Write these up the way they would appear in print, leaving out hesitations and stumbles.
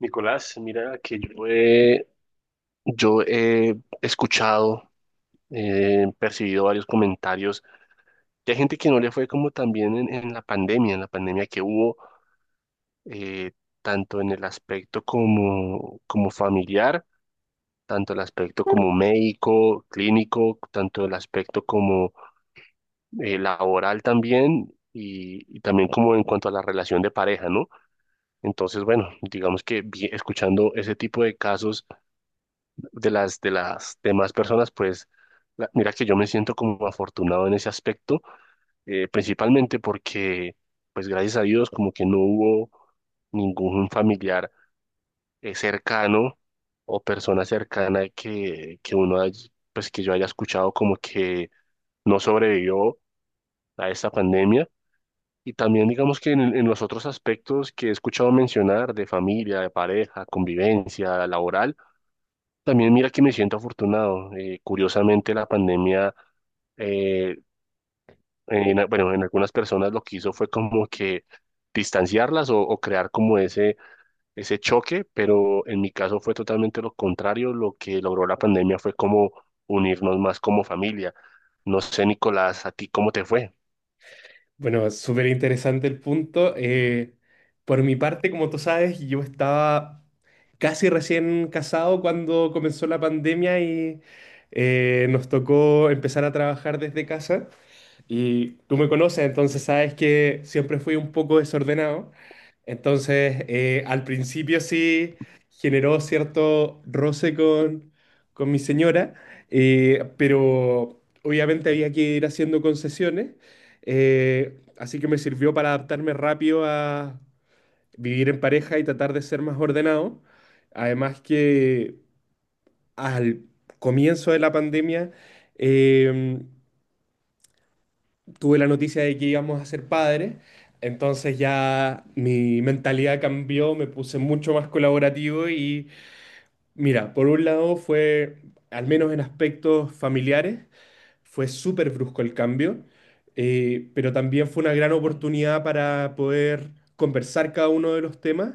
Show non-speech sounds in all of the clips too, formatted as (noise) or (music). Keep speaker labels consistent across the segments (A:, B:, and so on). A: Nicolás, mira que yo he escuchado, percibido varios comentarios de gente que no le fue como también en la pandemia, en la pandemia que hubo, eh, tanto en el aspecto como familiar, tanto el aspecto como médico, clínico, tanto el aspecto como laboral también, y también como en cuanto a la relación de pareja, ¿no? Entonces, bueno, digamos que escuchando ese tipo de casos de las demás personas, pues mira que yo me siento como afortunado en ese aspecto, principalmente porque, pues gracias a Dios, como que no hubo ningún familiar cercano o persona cercana que uno pues que yo haya escuchado como que no sobrevivió a esta pandemia. Y también digamos que en los otros aspectos que he escuchado mencionar de familia, de pareja, convivencia, laboral, también mira que me siento afortunado. Curiosamente la pandemia, eh, en bueno, en algunas personas lo que hizo fue como que distanciarlas o crear como ese choque, pero en mi caso fue totalmente lo contrario. Lo que logró la pandemia fue como unirnos más como familia. No sé, Nicolás, ¿a ti cómo te fue?
B: Bueno, súper interesante el punto. Por mi parte, como tú sabes, yo estaba casi recién casado cuando comenzó la pandemia y nos tocó empezar a trabajar desde casa. Y tú me conoces, entonces sabes que siempre fui un poco desordenado. Entonces, al principio sí generó cierto roce con mi señora, pero obviamente había que ir haciendo concesiones. Así que me sirvió para adaptarme rápido a vivir en pareja y tratar de ser más ordenado. Además que al comienzo de la pandemia, em, tuve la noticia de que íbamos a ser padres, entonces ya mi mentalidad cambió, me puse mucho más colaborativo y mira, por un lado fue, al menos en aspectos familiares, fue súper brusco el cambio, pero también fue una gran oportunidad para poder conversar cada uno de los temas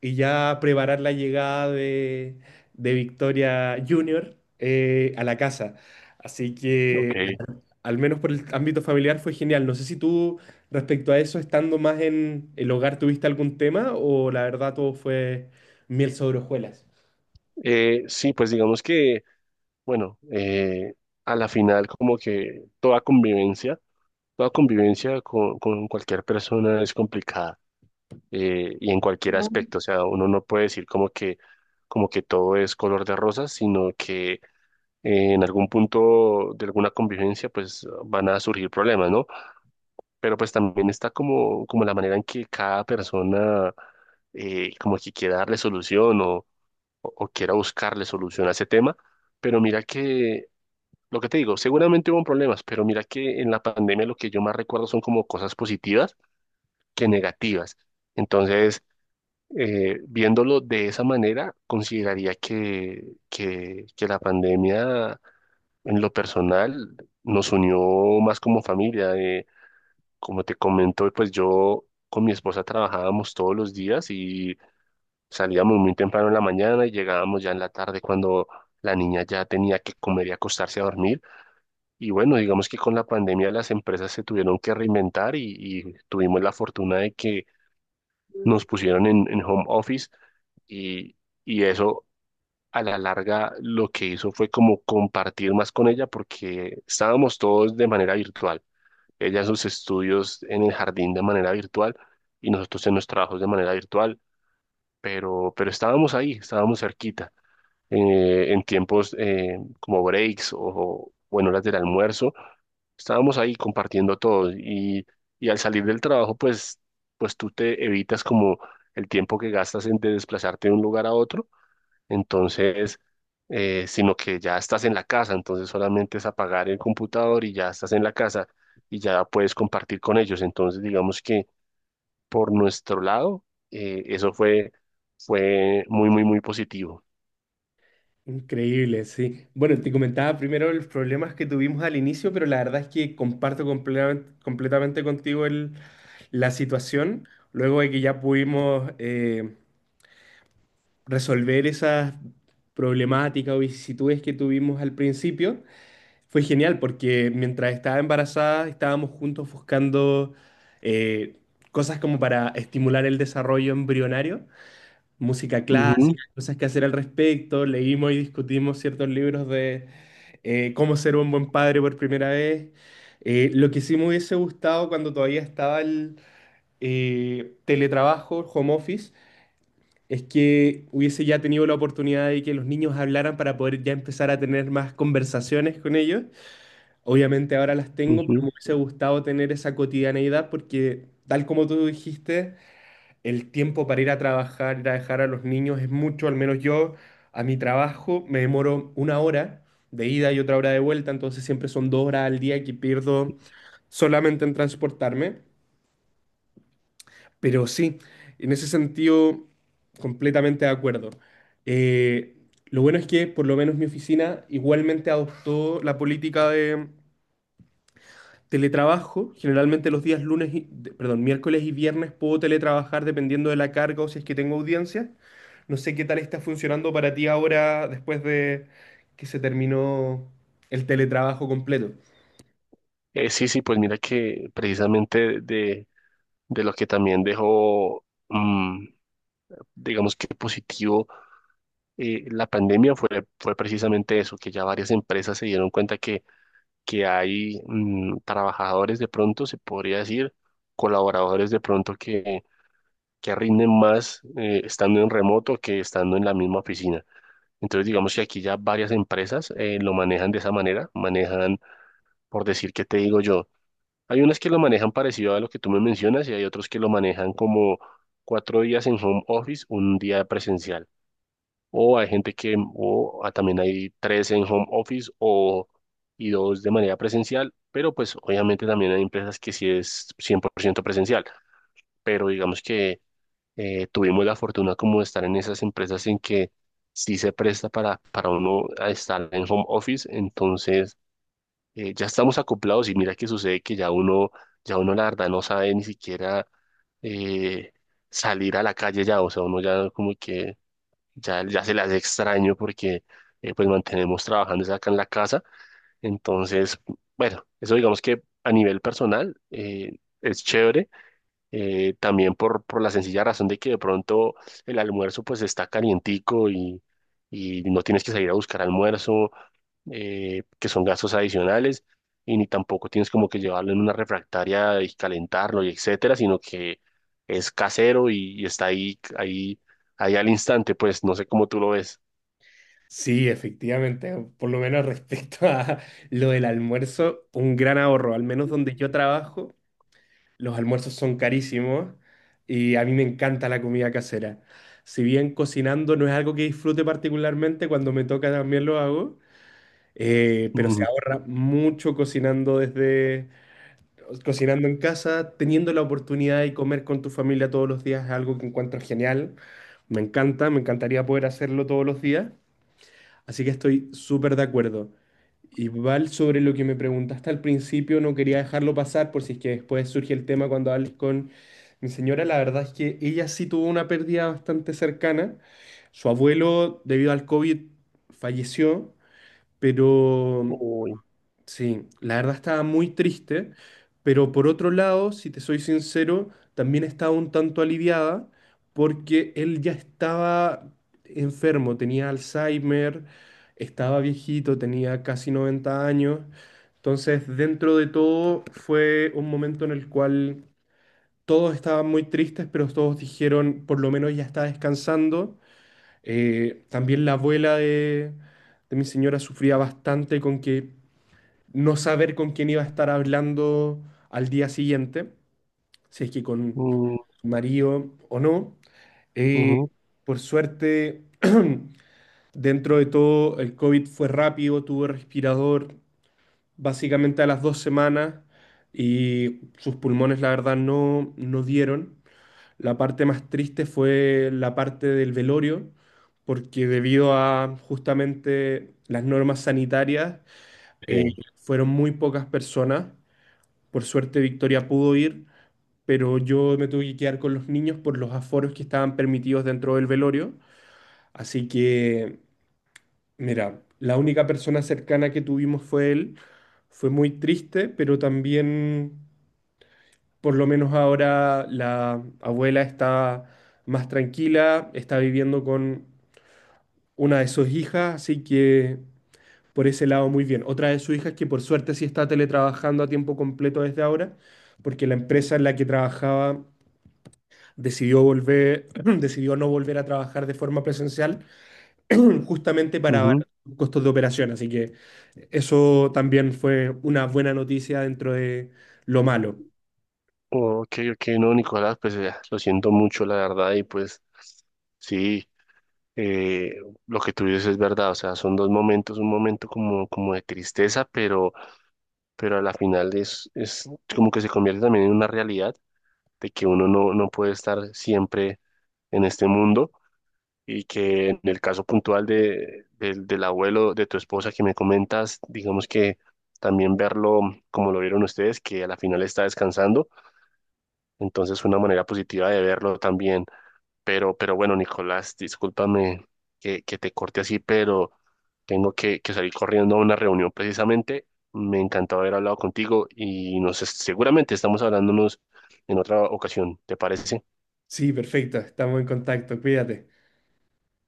B: y ya preparar la llegada de Victoria Junior a la casa. Así
A: Ok.
B: que al menos por el ámbito familiar, fue genial. No sé si tú, respecto a eso, estando más en el hogar, tuviste algún tema o la verdad todo fue miel sobre hojuelas.
A: Sí, pues digamos que bueno, a la final como que toda convivencia. Toda convivencia con cualquier persona es complicada, y en cualquier aspecto. O sea, uno no puede decir como que todo es color de rosas, sino que en algún punto de alguna convivencia pues van a surgir problemas, ¿no? Pero pues también está como la manera en que cada persona como que quiera darle solución o o quiera buscarle solución a ese tema. Pero lo que te digo, seguramente hubo problemas, pero mira que en la pandemia lo que yo más recuerdo son como cosas positivas que negativas. Entonces, viéndolo de esa manera, consideraría que la pandemia en lo personal nos unió más como familia. Como te comento, pues yo con mi esposa trabajábamos todos los días y salíamos muy temprano en la mañana y llegábamos ya en la tarde cuando la niña ya tenía que comer y acostarse a dormir. Y bueno, digamos que con la pandemia las empresas se tuvieron que reinventar y tuvimos la fortuna de que nos pusieron en home office y, y eso a la larga lo que hizo fue como compartir más con ella porque estábamos todos de manera virtual. Ella en sus estudios en el jardín de manera virtual y nosotros en los trabajos de manera virtual, pero estábamos ahí, estábamos cerquita, en tiempos como breaks o en horas del almuerzo. Estábamos ahí compartiendo todo y al salir del trabajo, pues tú te evitas como el tiempo que gastas en de desplazarte de un lugar a otro. Entonces, sino que ya estás en la casa, entonces solamente es apagar el computador y ya estás en la casa y ya puedes compartir con ellos. Entonces, digamos que por nuestro lado, eso fue muy positivo.
B: Increíble, sí. Bueno, te comentaba primero los problemas que tuvimos al inicio, pero la verdad es que comparto completamente contigo la situación. Luego de que ya pudimos resolver esas problemáticas o vicisitudes que tuvimos al principio, fue genial porque mientras estaba embarazada estábamos juntos buscando eh, cosas como para estimular el desarrollo embrionario, música clásica,
A: Ujú,
B: cosas que hacer al respecto, leímos y discutimos ciertos libros de cómo ser un buen padre por primera vez. Lo que sí me hubiese gustado cuando todavía estaba el teletrabajo, home office, es que hubiese ya tenido la oportunidad de que los niños hablaran para poder ya empezar a tener más conversaciones con ellos. Obviamente ahora las tengo, pero
A: ujú.
B: me hubiese gustado tener esa cotidianeidad porque, tal como tú dijiste, el tiempo para ir a trabajar, ir a dejar a los niños es mucho, al menos yo a mi trabajo me demoro una hora de ida y otra hora de vuelta, entonces siempre son 2 horas al día que pierdo solamente en transportarme. Pero sí, en ese sentido, completamente de acuerdo. Eh, lo bueno es que por lo menos mi oficina igualmente adoptó la política de teletrabajo, generalmente los días lunes, perdón, miércoles y viernes puedo teletrabajar dependiendo de la carga o si es que tengo audiencia. No sé qué tal está funcionando para ti ahora después de que se terminó el teletrabajo completo.
A: Sí, sí, pues mira que precisamente de lo que también dejó, mm, digamos que positivo, la pandemia fue precisamente eso, que ya varias empresas se dieron cuenta que hay mm, trabajadores de pronto, se podría decir, colaboradores de pronto que rinden más estando en remoto que estando en la misma oficina. Entonces, digamos que aquí ya varias empresas lo manejan de esa manera, manejan, por decir, ¿qué te digo yo? Hay unas que lo manejan parecido a lo que tú me mencionas y hay otros que lo manejan como cuatro días en home office, un día presencial. O hay gente que, o ah, también hay tres en home office y dos de manera presencial, pero pues obviamente también hay empresas que sí es 100% presencial. Pero digamos que tuvimos la fortuna como de estar en esas empresas en que sí se presta para uno a estar en home office, entonces ya estamos acoplados y mira que sucede ya uno la verdad no sabe ni siquiera eh, salir a la calle ya, o sea, uno ya como que ya se le hace extraño porque pues mantenemos trabajando es acá en la casa, entonces, bueno, eso digamos que a nivel personal es chévere, también por la sencilla razón de que de pronto el almuerzo pues está calientico y... Y no tienes que salir a buscar almuerzo, que son gastos adicionales, y ni tampoco tienes como que llevarlo en una refractaria y calentarlo y etcétera, sino que es casero y está ahí al instante, pues no sé cómo tú lo ves.
B: Sí, efectivamente, por lo menos respecto a lo del almuerzo, un gran ahorro, al menos donde yo trabajo, los almuerzos son carísimos y a mí me encanta la comida casera. Si bien cocinando no es algo que disfrute particularmente, cuando me toca también lo hago. Pero se
A: Ujú.
B: ahorra mucho cocinando en casa, teniendo la oportunidad de comer con tu familia todos los días es algo que encuentro genial. Me encanta, me encantaría poder hacerlo todos los días. Así que estoy súper de acuerdo. Y Val, sobre lo que me preguntaste al principio, no quería dejarlo pasar por si es que después surge el tema cuando hables con mi señora. La verdad es que ella sí tuvo una pérdida bastante cercana. Su abuelo, debido al COVID, falleció, pero
A: Uy,
B: sí, la verdad estaba muy triste, pero por otro lado, si te soy sincero, también estaba un tanto aliviada porque él ya estaba enfermo, tenía Alzheimer, estaba viejito, tenía casi 90 años. Entonces, dentro de todo, fue un momento en el cual todos estaban muy tristes, pero todos dijeron, por lo menos ya está descansando. También la abuela de mi señora sufría bastante con que no saber con quién iba a estar hablando al día siguiente, si es que con
A: mm,
B: su marido o no. Eh,
A: ujú,
B: por suerte, (clears throat) dentro de todo, el COVID fue rápido, tuvo respirador básicamente a las 2 semanas y sus pulmones, la verdad, no, no dieron. La parte más triste fue la parte del velorio, porque debido a justamente las normas sanitarias, eh,
A: sí,
B: fueron muy pocas personas, por suerte Victoria pudo ir, pero yo me tuve que quedar con los niños por los aforos que estaban permitidos dentro del velorio. Así que, mira, la única persona cercana que tuvimos fue él. Fue muy triste, pero también, por lo menos ahora, la abuela está más tranquila, está viviendo con una de sus hijas, así que por ese lado muy bien. Otra de sus hijas que por suerte sí está teletrabajando a tiempo completo desde ahora, porque la empresa en la que trabajaba decidió volver, (clears throat) decidió no volver a trabajar de forma presencial (clears throat) justamente para
A: ujú.
B: abaratar los costos de operación. Así que eso también fue una buena noticia dentro de lo malo.
A: Ok, ok, no, Nicolás, pues lo siento mucho, la verdad, y pues sí, eh, lo que tú dices es verdad, o sea, son dos momentos, un momento como de tristeza, pero a la final es como que se convierte también en una realidad de que uno no puede estar siempre en este mundo y que en el caso puntual de, del del abuelo de tu esposa que me comentas, digamos que también verlo como lo vieron ustedes, que a la final está descansando, entonces una manera positiva de verlo también. Pero bueno, Nicolás, discúlpame que te corte así, pero tengo que salir corriendo a una reunión precisamente. Me encantó haber hablado contigo y seguramente estamos hablándonos en otra ocasión. ¿Te parece?
B: Sí, perfecto, estamos en contacto, cuídate.